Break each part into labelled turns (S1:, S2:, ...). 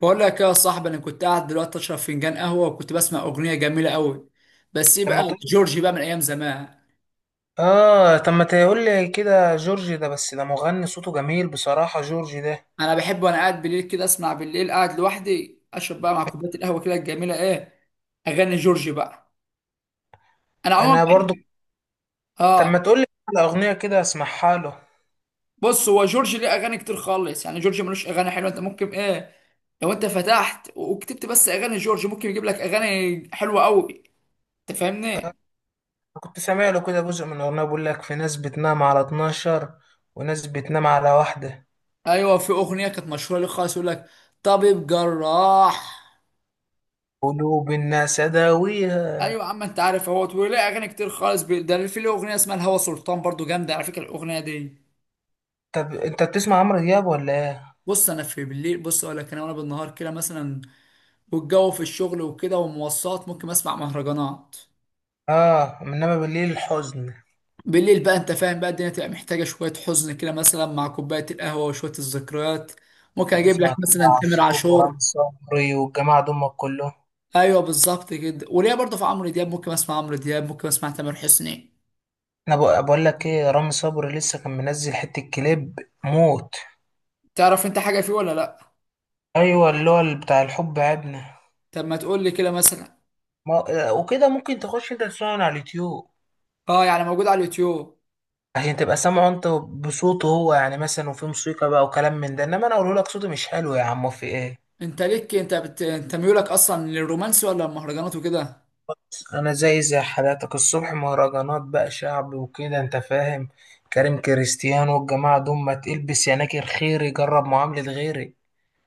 S1: بقول لك يا صاحبي، انا كنت قاعد دلوقتي اشرب فنجان قهوه وكنت بسمع اغنيه جميله قوي. بس ايه
S2: طب
S1: بقى؟
S2: ما تقول.
S1: جورجي بقى من ايام زمان.
S2: اه، طب ما تقول لي كده جورج ده. بس ده مغني صوته جميل بصراحة جورج ده.
S1: انا بحب وانا قاعد بالليل كده اسمع، بالليل قاعد لوحدي اشرب بقى مع كوبايه القهوه كده الجميله، ايه؟ اغاني جورجي بقى. انا عموما
S2: انا برضو.
S1: بحب.
S2: طب ما
S1: اه.
S2: تقول لي على اغنية كده اسمعها له أنا.
S1: بص، هو جورجي ليه اغاني كتير خالص، يعني جورجي ملوش اغاني حلوه؟ انت ممكن، ايه، لو انت فتحت وكتبت بس اغاني جورجي ممكن يجيب لك اغاني حلوه قوي. انت فاهمني.
S2: كنت سامع له كده جزء من اغنية بيقول لك في ناس بتنام على 12 وناس بتنام على واحدة.
S1: ايوه في اغنيه كانت مشهوره ليه خالص، يقول لك طبيب جراح.
S2: قلوب الناس اداويها.
S1: ايوه يا عم انت عارف اهوت، وليه اغاني كتير خالص ده في له اغنيه اسمها الهوى سلطان، برضو جامده على فكره الاغنيه دي.
S2: طب انت بتسمع عمرو دياب ولا ايه؟
S1: بص انا في بالليل، بص اقول لك، انا وانا بالنهار كده مثلا والجو في الشغل وكده ومواصلات ممكن اسمع مهرجانات.
S2: اه، انما بالليل الحزن.
S1: بالليل بقى، انت فاهم بقى، الدنيا تبقى محتاجه شويه حزن كده مثلا، مع كوبايه القهوه وشويه الذكريات. ممكن اجيب
S2: بتسمع
S1: لك
S2: تامر
S1: مثلا تامر
S2: عاشور
S1: عاشور.
S2: ورامي صبري والجماعة دول كلهم؟
S1: ايوه بالظبط كده، وليه برضو في عمرو دياب، ممكن اسمع عمرو دياب، ممكن اسمع تامر حسني.
S2: انا بقول لك ايه، رامي صبري لسه كان منزل حتة كليب موت.
S1: تعرف انت حاجه فيه ولا لا؟
S2: ايوه، اللي هو اللي بتاع الحب عدنا.
S1: طب ما تقول لي كده مثلا.
S2: ما... وكده ممكن تخش انت تسمعه من على اليوتيوب
S1: اه، يعني موجود على اليوتيوب.
S2: عشان تبقى سامعه انت بصوته هو، يعني مثلا، وفي موسيقى بقى وكلام من ده. انما انا اقول لك صوته مش حلو يا عم، في ايه.
S1: انت ليك، انت انت ميولك اصلا للرومانسي ولا المهرجانات وكده؟
S2: انا زي حالاتك الصبح مهرجانات بقى شعب وكده انت فاهم. كريم كريستيانو والجماعه دول، ما تلبس يناكر خيري جرب معاملة غيري.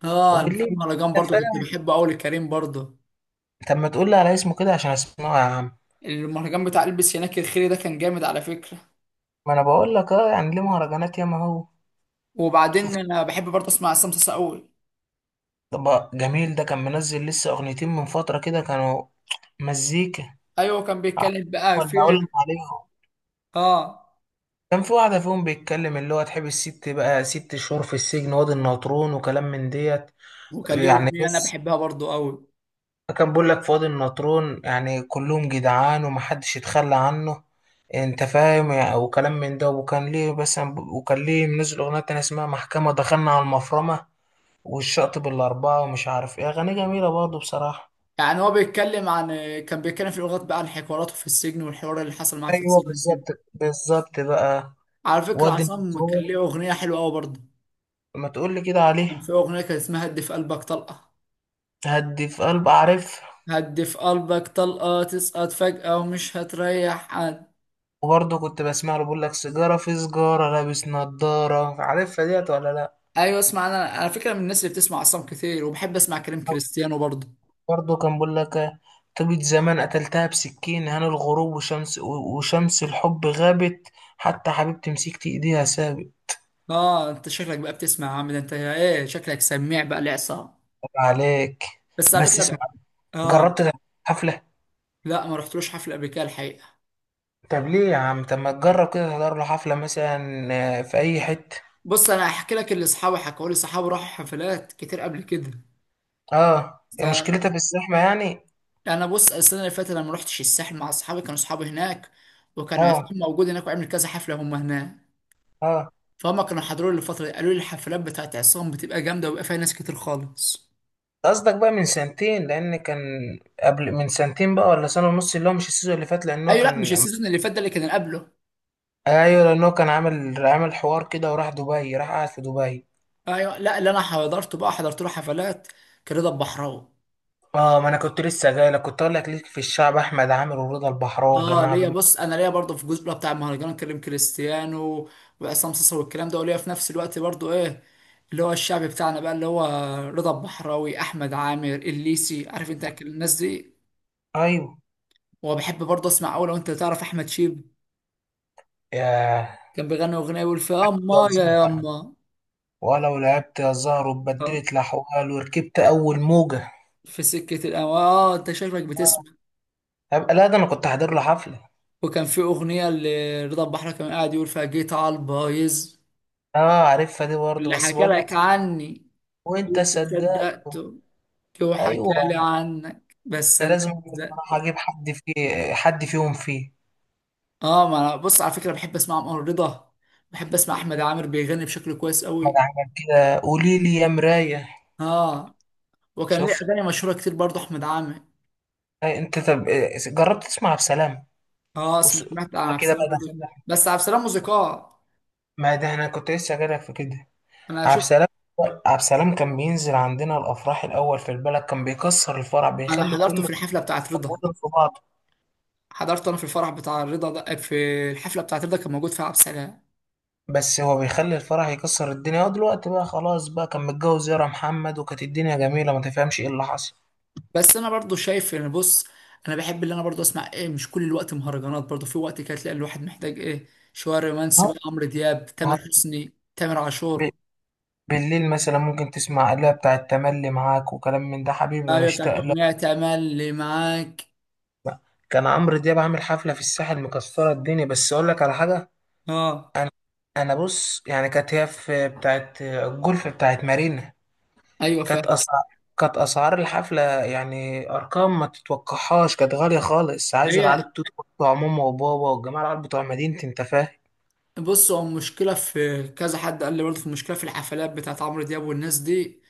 S1: اه انا في
S2: وبالليل
S1: المهرجان
S2: انت
S1: برضو كنت
S2: فاهم.
S1: بحبه قوي لكريم برضو.
S2: طب ما تقول لي على اسمه كده عشان اسمعه يا عم.
S1: المهرجان بتاع البس هناك الخيري ده كان جامد على فكرة.
S2: ما انا بقول لك، اه يعني ليه مهرجانات ياما هو.
S1: وبعدين
S2: شوف،
S1: انا بحب برضو اسمع عصام صاصا قوي.
S2: طب جميل ده كان منزل لسه اغنيتين من فترة كده كانوا مزيكا.
S1: ايوه كان بيتكلم بقى
S2: ولا
S1: في،
S2: اقول لك عليهم؟
S1: اه،
S2: كان في واحدة فيهم بيتكلم، اللي هو تحب الست بقى ست شهور في السجن وادي النطرون وكلام من ديت،
S1: وكان ليه
S2: يعني
S1: اغنية انا
S2: بس.
S1: بحبها برضو قوي.
S2: كان بيقول لك في وادي النطرون يعني كلهم جدعان ومحدش يتخلى عنه، انت فاهم يعني، وكلام من ده. وكان ليه بس وكان ليه منزل اغنية تانية اسمها محكمة دخلنا على المفرمة والشاطب الأربعة ومش عارف ايه. أغاني جميلة برضه بصراحة.
S1: يعني هو بيتكلم عن، كان بيتكلم في الاغنية بقى عن حواراته في السجن والحوار اللي حصل معاه في
S2: ايوه
S1: السجن كده.
S2: بالظبط، بالظبط بقى.
S1: على فكرة
S2: وادي
S1: عصام كان
S2: النطرون،
S1: ليه اغنية حلوة قوي برضو،
S2: ما تقول لي كده
S1: كان
S2: عليه.
S1: في اغنية كانت اسمها هدي في قلبك طلقة.
S2: هدي في قلب اعرف.
S1: هدي في قلبك طلقة تسقط فجأة ومش هتريح حد.
S2: وبرضه كنت بسمع له بيقول لك سيجاره في سجاره لابس نضاره، عارفها ديت ولا لا؟
S1: ايوه اسمع، انا على فكرة من الناس اللي بتسمع عصام كتير، وبحب اسمع كلام كريستيانو برضه.
S2: برضه كان بيقول لك طيبة زمان قتلتها بسكين، هان الغروب، وشمس الحب غابت، حتى حبيبتي مسكت ايديها سابق.
S1: اه انت شكلك بقى بتسمع يا عم، ده انت ايه، شكلك سميع بقى لعصام.
S2: طب عليك،
S1: بس على
S2: بس
S1: فكرة
S2: اسمع.
S1: بقى، اه،
S2: جربت تحضر حفلة؟
S1: لا ما رحتلوش حفلة قبل كده الحقيقة.
S2: طب ليه يا عم؟ طب ما تجرب كده تحضر له حفلة مثلا. في أي حتة.
S1: بص انا هحكي لك اللي اصحابي حكوا لي، صحابي راحوا حفلات كتير قبل كده.
S2: اه، هي
S1: ده-
S2: مشكلتها في الزحمة يعني.
S1: انا بص، السنة اللي فاتت انا ما رحتش الساحل مع اصحابي، كانوا اصحابي هناك وكان عصام
S2: اه.
S1: موجود هناك وعمل كذا حفلة هم هناك.
S2: اه.
S1: فهم كانوا حضروني الفترة دي، قالوا لي الحفلات بتاعت عصام بتبقى جامدة وبيبقى فيها ناس كتير خالص.
S2: قصدك بقى من سنتين لان كان قبل، من سنتين بقى ولا سنة ونص، اللي هو مش السيزون اللي فات لان هو
S1: أيوة، لأ مش
S2: كان.
S1: السيزون اللي فات، ده اللي كان اللي قبله.
S2: ايوه لان هو كان عامل حوار كده، وراح دبي راح قاعد في دبي.
S1: أيوة، لأ اللي أنا حضرته بقى، حضرت له حفلات كان رضا البحراوي.
S2: اه، ما انا كنت لسه جاي لك، كنت اقول لك ليك في الشعب احمد عامر ورضا البحراوي
S1: اه
S2: الجماعة
S1: ليا،
S2: دول.
S1: بص انا ليا برضه في الجزء بقى بتاع المهرجان كريم كريستيانو وعصام صاصا والكلام ده، وليا في نفس الوقت برضه ايه، اللي هو الشعب بتاعنا بقى، اللي هو رضا البحراوي، احمد عامر، الليسي، عارف انت الناس دي.
S2: ايوه.
S1: وبحب برضه اسمع اوي لو انت تعرف احمد شيب.
S2: ياه.
S1: كان بيغني اغنيه يقول في اما
S2: يا
S1: يا
S2: زهر،
S1: يما،
S2: ولو لعبت يا زهر واتبدلت الاحوال وركبت اول موجة.
S1: في سكة الأم. اه انت شكلك بتسمع.
S2: هبقى لا، ده انا كنت حاضر له حفلة.
S1: وكان في أغنية لرضا البحراوي كان قاعد يقول فيها جيت على البايظ.
S2: اه عارفها دي برضه،
S1: اللي
S2: بس
S1: حكى
S2: بقول لك.
S1: لك عني
S2: وانت
S1: وانت
S2: صدقته؟
S1: صدقته، وحكى
S2: ايوه،
S1: لي عنك بس
S2: انا
S1: انا
S2: لازم بصراحه
S1: صدقت.
S2: اجيب حد فيه، حد فيهم فيه.
S1: اه، ما انا بص على فكرة بحب اسمع عمر رضا، بحب اسمع احمد عامر، بيغني بشكل كويس
S2: ما
S1: قوي.
S2: عمل كده قولي لي يا مرايه.
S1: اه، وكان ليه
S2: شفت؟
S1: اغاني مشهورة كتير برضه احمد عامر.
S2: أي انت، طب إيه، جربت تسمع عبد السلام؟
S1: اه
S2: أس-
S1: سمعت عن عبد
S2: كده بقى
S1: السلام برضه،
S2: دخلنا.
S1: بس عبد السلام موسيقار.
S2: ما ده انا كنت لسه جايلك في كده.
S1: انا
S2: عبد
S1: شفت،
S2: السلام. عبد السلام، كان بينزل عندنا الافراح الاول في البلد، كان بيكسر الفرح
S1: انا
S2: بيخلي
S1: حضرته
S2: كله
S1: في الحفلة بتاعت رضا،
S2: يتفاوض في بعضه.
S1: حضرت انا في الفرح بتاع رضا ده، في الحفله بتاعت رضا كان موجود فيها عبد السلام.
S2: بس هو بيخلي الفرح يكسر الدنيا. هو دلوقتي بقى خلاص بقى، كان متجوز يارا محمد وكانت الدنيا جميله، ما تفهمش ايه اللي حصل.
S1: بس انا برضو شايف ان، بص، انا بحب اللي انا برضو اسمع ايه، مش كل الوقت مهرجانات، برضو في وقت كده تلاقي الواحد محتاج ايه، شويه رومانسي بقى، عمرو دياب، تامر
S2: ما
S1: حسني، تامر
S2: هو،
S1: عاشور.
S2: بالليل مثلا ممكن تسمع آلة بتاعة تملي معاك وكلام من ده، حبيبي
S1: ايوه بتاعت
S2: بشتاق لك.
S1: اغنيه تملي معاك.
S2: كان عمرو دياب عامل حفلة في الساحل مكسرة الدنيا. بس أقول لك على حاجة،
S1: اه،
S2: أنا أنا بص يعني كانت هي في بتاعة الجولف بتاعة مارينا.
S1: ايوه
S2: كانت
S1: فاهم.
S2: أسعار كانت أسعار الحفلة يعني أرقام ما تتوقعهاش، كانت غالية خالص، عايز العيال
S1: هي،
S2: التوت بتوع ماما وبابا والجماعة، العيال بتوع مدينتي أنت فاهم.
S1: بص هو المشكله، في كذا حد قال لي برضو، في المشكله في الحفلات بتاعت عمرو دياب والناس دي،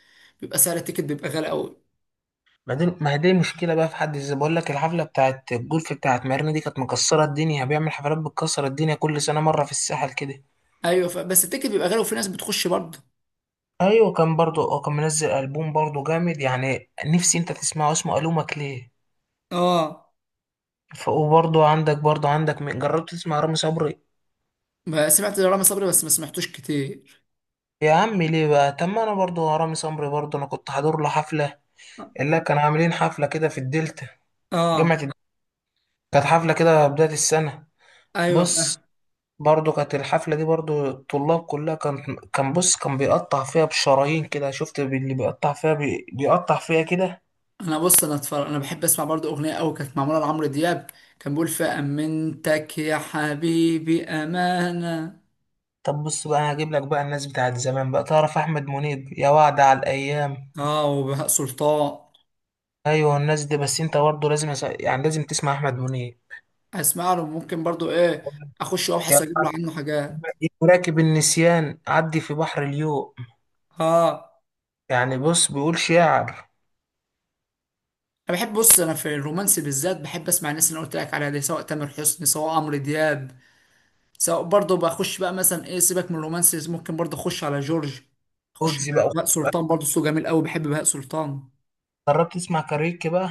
S1: بيبقى سعر التيكت بيبقى غالي قوي.
S2: بعدين ما هي دي مشكلة بقى في حد ذاتها، بقول لك الحفلة بتاعت الجولف بتاعت مارينا دي كانت مكسرة الدنيا، بيعمل حفلات بتكسر الدنيا كل سنة مرة في الساحل كده.
S1: ايوه بس التيكت بيبقى غالي وفي ناس بتخش برضه.
S2: ايوه كان برضو كان منزل ألبوم برضو جامد، يعني نفسي انت تسمعه اسمه ألومك ليه.
S1: اه
S2: وبرضو عندك برضو عندك جربت تسمع رامي صبري؟
S1: ما سمعت لرامي صبري بس ما سمعتوش كتير.
S2: يا عم ليه بقى؟ طب ما انا برضو رامي صبري برضو انا كنت حاضر له حفلة، اللي كانوا عاملين حفلة كده في الدلتا، جامعة
S1: اه،
S2: الدلتا. كانت حفلة كده بداية السنة.
S1: ايوه
S2: بص،
S1: فاهم.
S2: برضو كانت الحفلة دي برضو الطلاب كلها كان بص كان بيقطع فيها بشرايين كده، شفت اللي بيقطع فيها بيقطع فيها كده.
S1: انا بص، انا اتفرج، انا بحب اسمع برضو اغنيه قوي كانت معموله لعمرو دياب، كان بيقول فامنتك يا حبيبي امانه.
S2: طب بص بقى انا هجيب لك بقى الناس بتاعت زمان بقى، تعرف احمد منيب يا وعد على الايام.
S1: اه، وبهاء سلطان.
S2: ايوه الناس دي، بس انت برضو لازم يعني لازم تسمع احمد منيب.
S1: اسمع له ممكن برضو ايه، اخش وابحث
S2: يا
S1: واجيب
S2: وعد،
S1: له عنه حاجات.
S2: راكب النسيان عدي في بحر اليوم،
S1: اه،
S2: يعني بص بيقول شعر.
S1: انا بحب بص، انا في الرومانسي بالذات بحب اسمع الناس اللي انا قلت لك عليها دي، سواء تامر حسني سواء عمرو دياب، سواء برضه بخش بقى مثلا ايه، سيبك من الرومانسيز ممكن برضه اخش على جورج، اخش
S2: وجزي
S1: على
S2: بقى،
S1: بهاء سلطان برضه، صوته جميل قوي، بحب بهاء سلطان.
S2: جربت تسمع كاريوكي بقى؟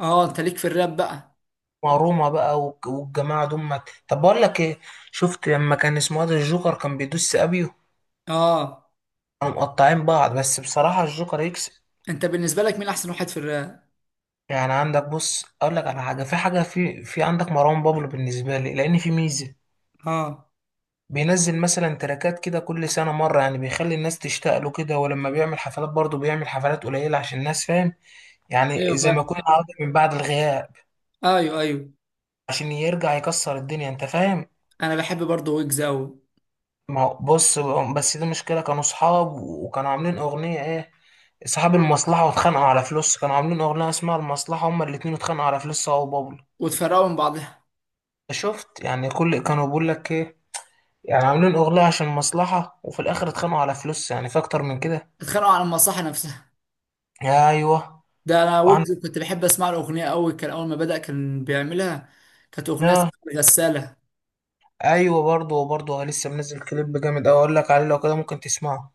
S1: اه انت ليك في الراب بقى.
S2: وروما بقى والجماعة دول. طب بقول لك ايه، شفت لما كان اسمه ده الجوكر كان بيدوس ابيو،
S1: اه،
S2: كانوا مقطعين بعض بس بصراحة الجوكر يكسب.
S1: انت بالنسبه لك مين احسن واحد في الراب؟
S2: يعني عندك، بص اقول لك على حاجة، في حاجة في عندك مروان بابلو. بالنسبة لي لان في ميزة،
S1: اه،
S2: بينزل مثلا تراكات كده كل سنة مرة، يعني بيخلي الناس تشتاق له كده، ولما بيعمل حفلات برضه بيعمل حفلات قليلة عشان الناس فاهم، يعني
S1: ايوه
S2: زي ما
S1: فاهم.
S2: يكون عودة من بعد الغياب،
S1: ايوه ايوه.
S2: عشان يرجع يكسر الدنيا انت فاهم.
S1: انا بحب برضه ويجز قوي.
S2: ما هو بص، بس دي مشكلة، كانوا صحاب وكانوا عاملين أغنية ايه، اصحاب المصلحه، واتخانقوا على فلوس. كانوا عاملين اغنيه اسمها المصلحه هما الاتنين، اتخانقوا على فلوس هو وبابلو.
S1: واتفرقوا من بعضها.
S2: شفت يعني، كل كانوا بيقول لك ايه، يعني عاملين اغنيه عشان مصلحه وفي الاخر اتخانقوا على فلوس، يعني في اكتر من كده.
S1: اتخانقوا على المصاحه نفسها.
S2: ايوه.
S1: ده انا
S2: وعن.
S1: ويجز كنت بحب اسمع له اغنيه قوي، كان اول ما بدأ كان بيعملها، كانت اغنيه اسمها
S2: آه،
S1: غساله.
S2: ايوه برضه، وبرضه لسه منزل كليب جامد اوي، اقول لك عليه لو كده ممكن تسمعه،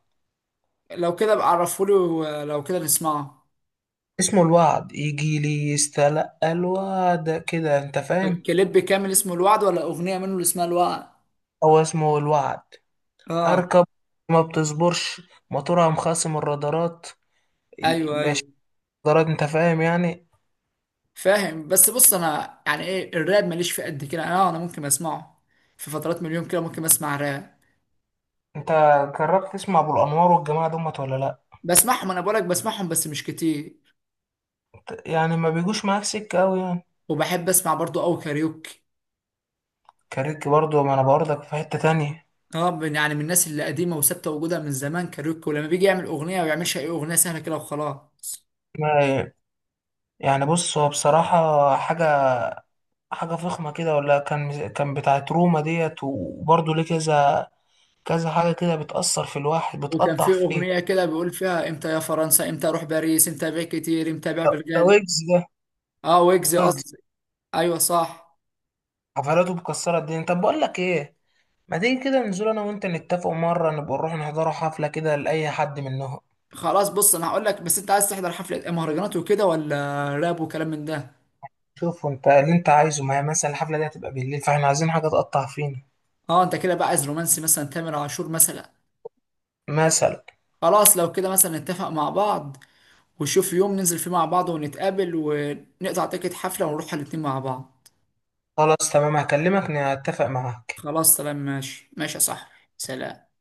S1: لو كده ابقى عرفولي ولو كده نسمعه.
S2: اسمه الوعد. يجي لي يستلقى الوعد كده، انت فاهم.
S1: الكليب كامل اسمه الوعد ولا اغنيه منه اللي اسمها الوعد؟
S2: هو اسمه الوعد.
S1: اه.
S2: اركب، ما بتصبرش، موتورها مخاصم الرادارات
S1: ايوه، ايوه
S2: درجة، انت فاهم يعني.
S1: فاهم، بس بص انا يعني ايه، الراب ماليش في قد كده، انا ممكن اسمعه في فترات من اليوم كده، ممكن اسمع راب.
S2: انت جربت تسمع ابو الانوار والجماعه دمت ولا لا؟
S1: بسمعهم انا بقولك، بسمعهم بس مش كتير.
S2: يعني ما بيجوش معاك سكه قوي يعني.
S1: وبحب اسمع برضو او كاريوكي.
S2: كاريك برضو ما انا برضك في حته تانية.
S1: اه يعني من الناس اللي قديمه وثابته وجودها من زمان كاريوكي، ولما بيجي يعمل اغنيه ما بيعملش اي اغنيه سهله كده وخلاص.
S2: ما يعني بص هو بصراحه حاجه، حاجه فخمه كده، ولا كان بتاعت روما ديت، وبرضو ليه كذا، كذا حاجه كده بتاثر في الواحد
S1: وكان
S2: بتقطع
S1: في
S2: فيه.
S1: اغنيه كده بيقول فيها امتى يا فرنسا، امتى اروح باريس، امتى بيع كتير، امتى بيع
S2: ده
S1: بالغالي.
S2: ويجز ده،
S1: اه
S2: ده
S1: ويجز
S2: ويجز
S1: قصدي. ايوه صح.
S2: حفلاته مكسره الدنيا. طب بقول لك ايه، ما تيجي كده ننزل انا وانت نتفق مره، نبقى نروح نحضروا حفله كده لاي حد منهم.
S1: خلاص بص انا هقول لك، بس انت عايز تحضر حفله مهرجانات وكده ولا راب وكلام من ده؟
S2: شوف انت اللي انت عايزه، ما هي مثلا الحفله دي هتبقى بالليل، فاحنا عايزين حاجه تقطع فينا.
S1: اه انت كده بقى عايز رومانسي، مثلا تامر عاشور مثلا.
S2: مثلا.
S1: خلاص لو كده مثلا نتفق مع بعض، ونشوف يوم ننزل فيه مع بعض ونتقابل ونقطع تيكت حفله ونروح الاتنين مع بعض.
S2: خلاص تمام هكلمك نتفق معاك.
S1: خلاص تمام، ماشي ماشي يا صاحبي. سلام.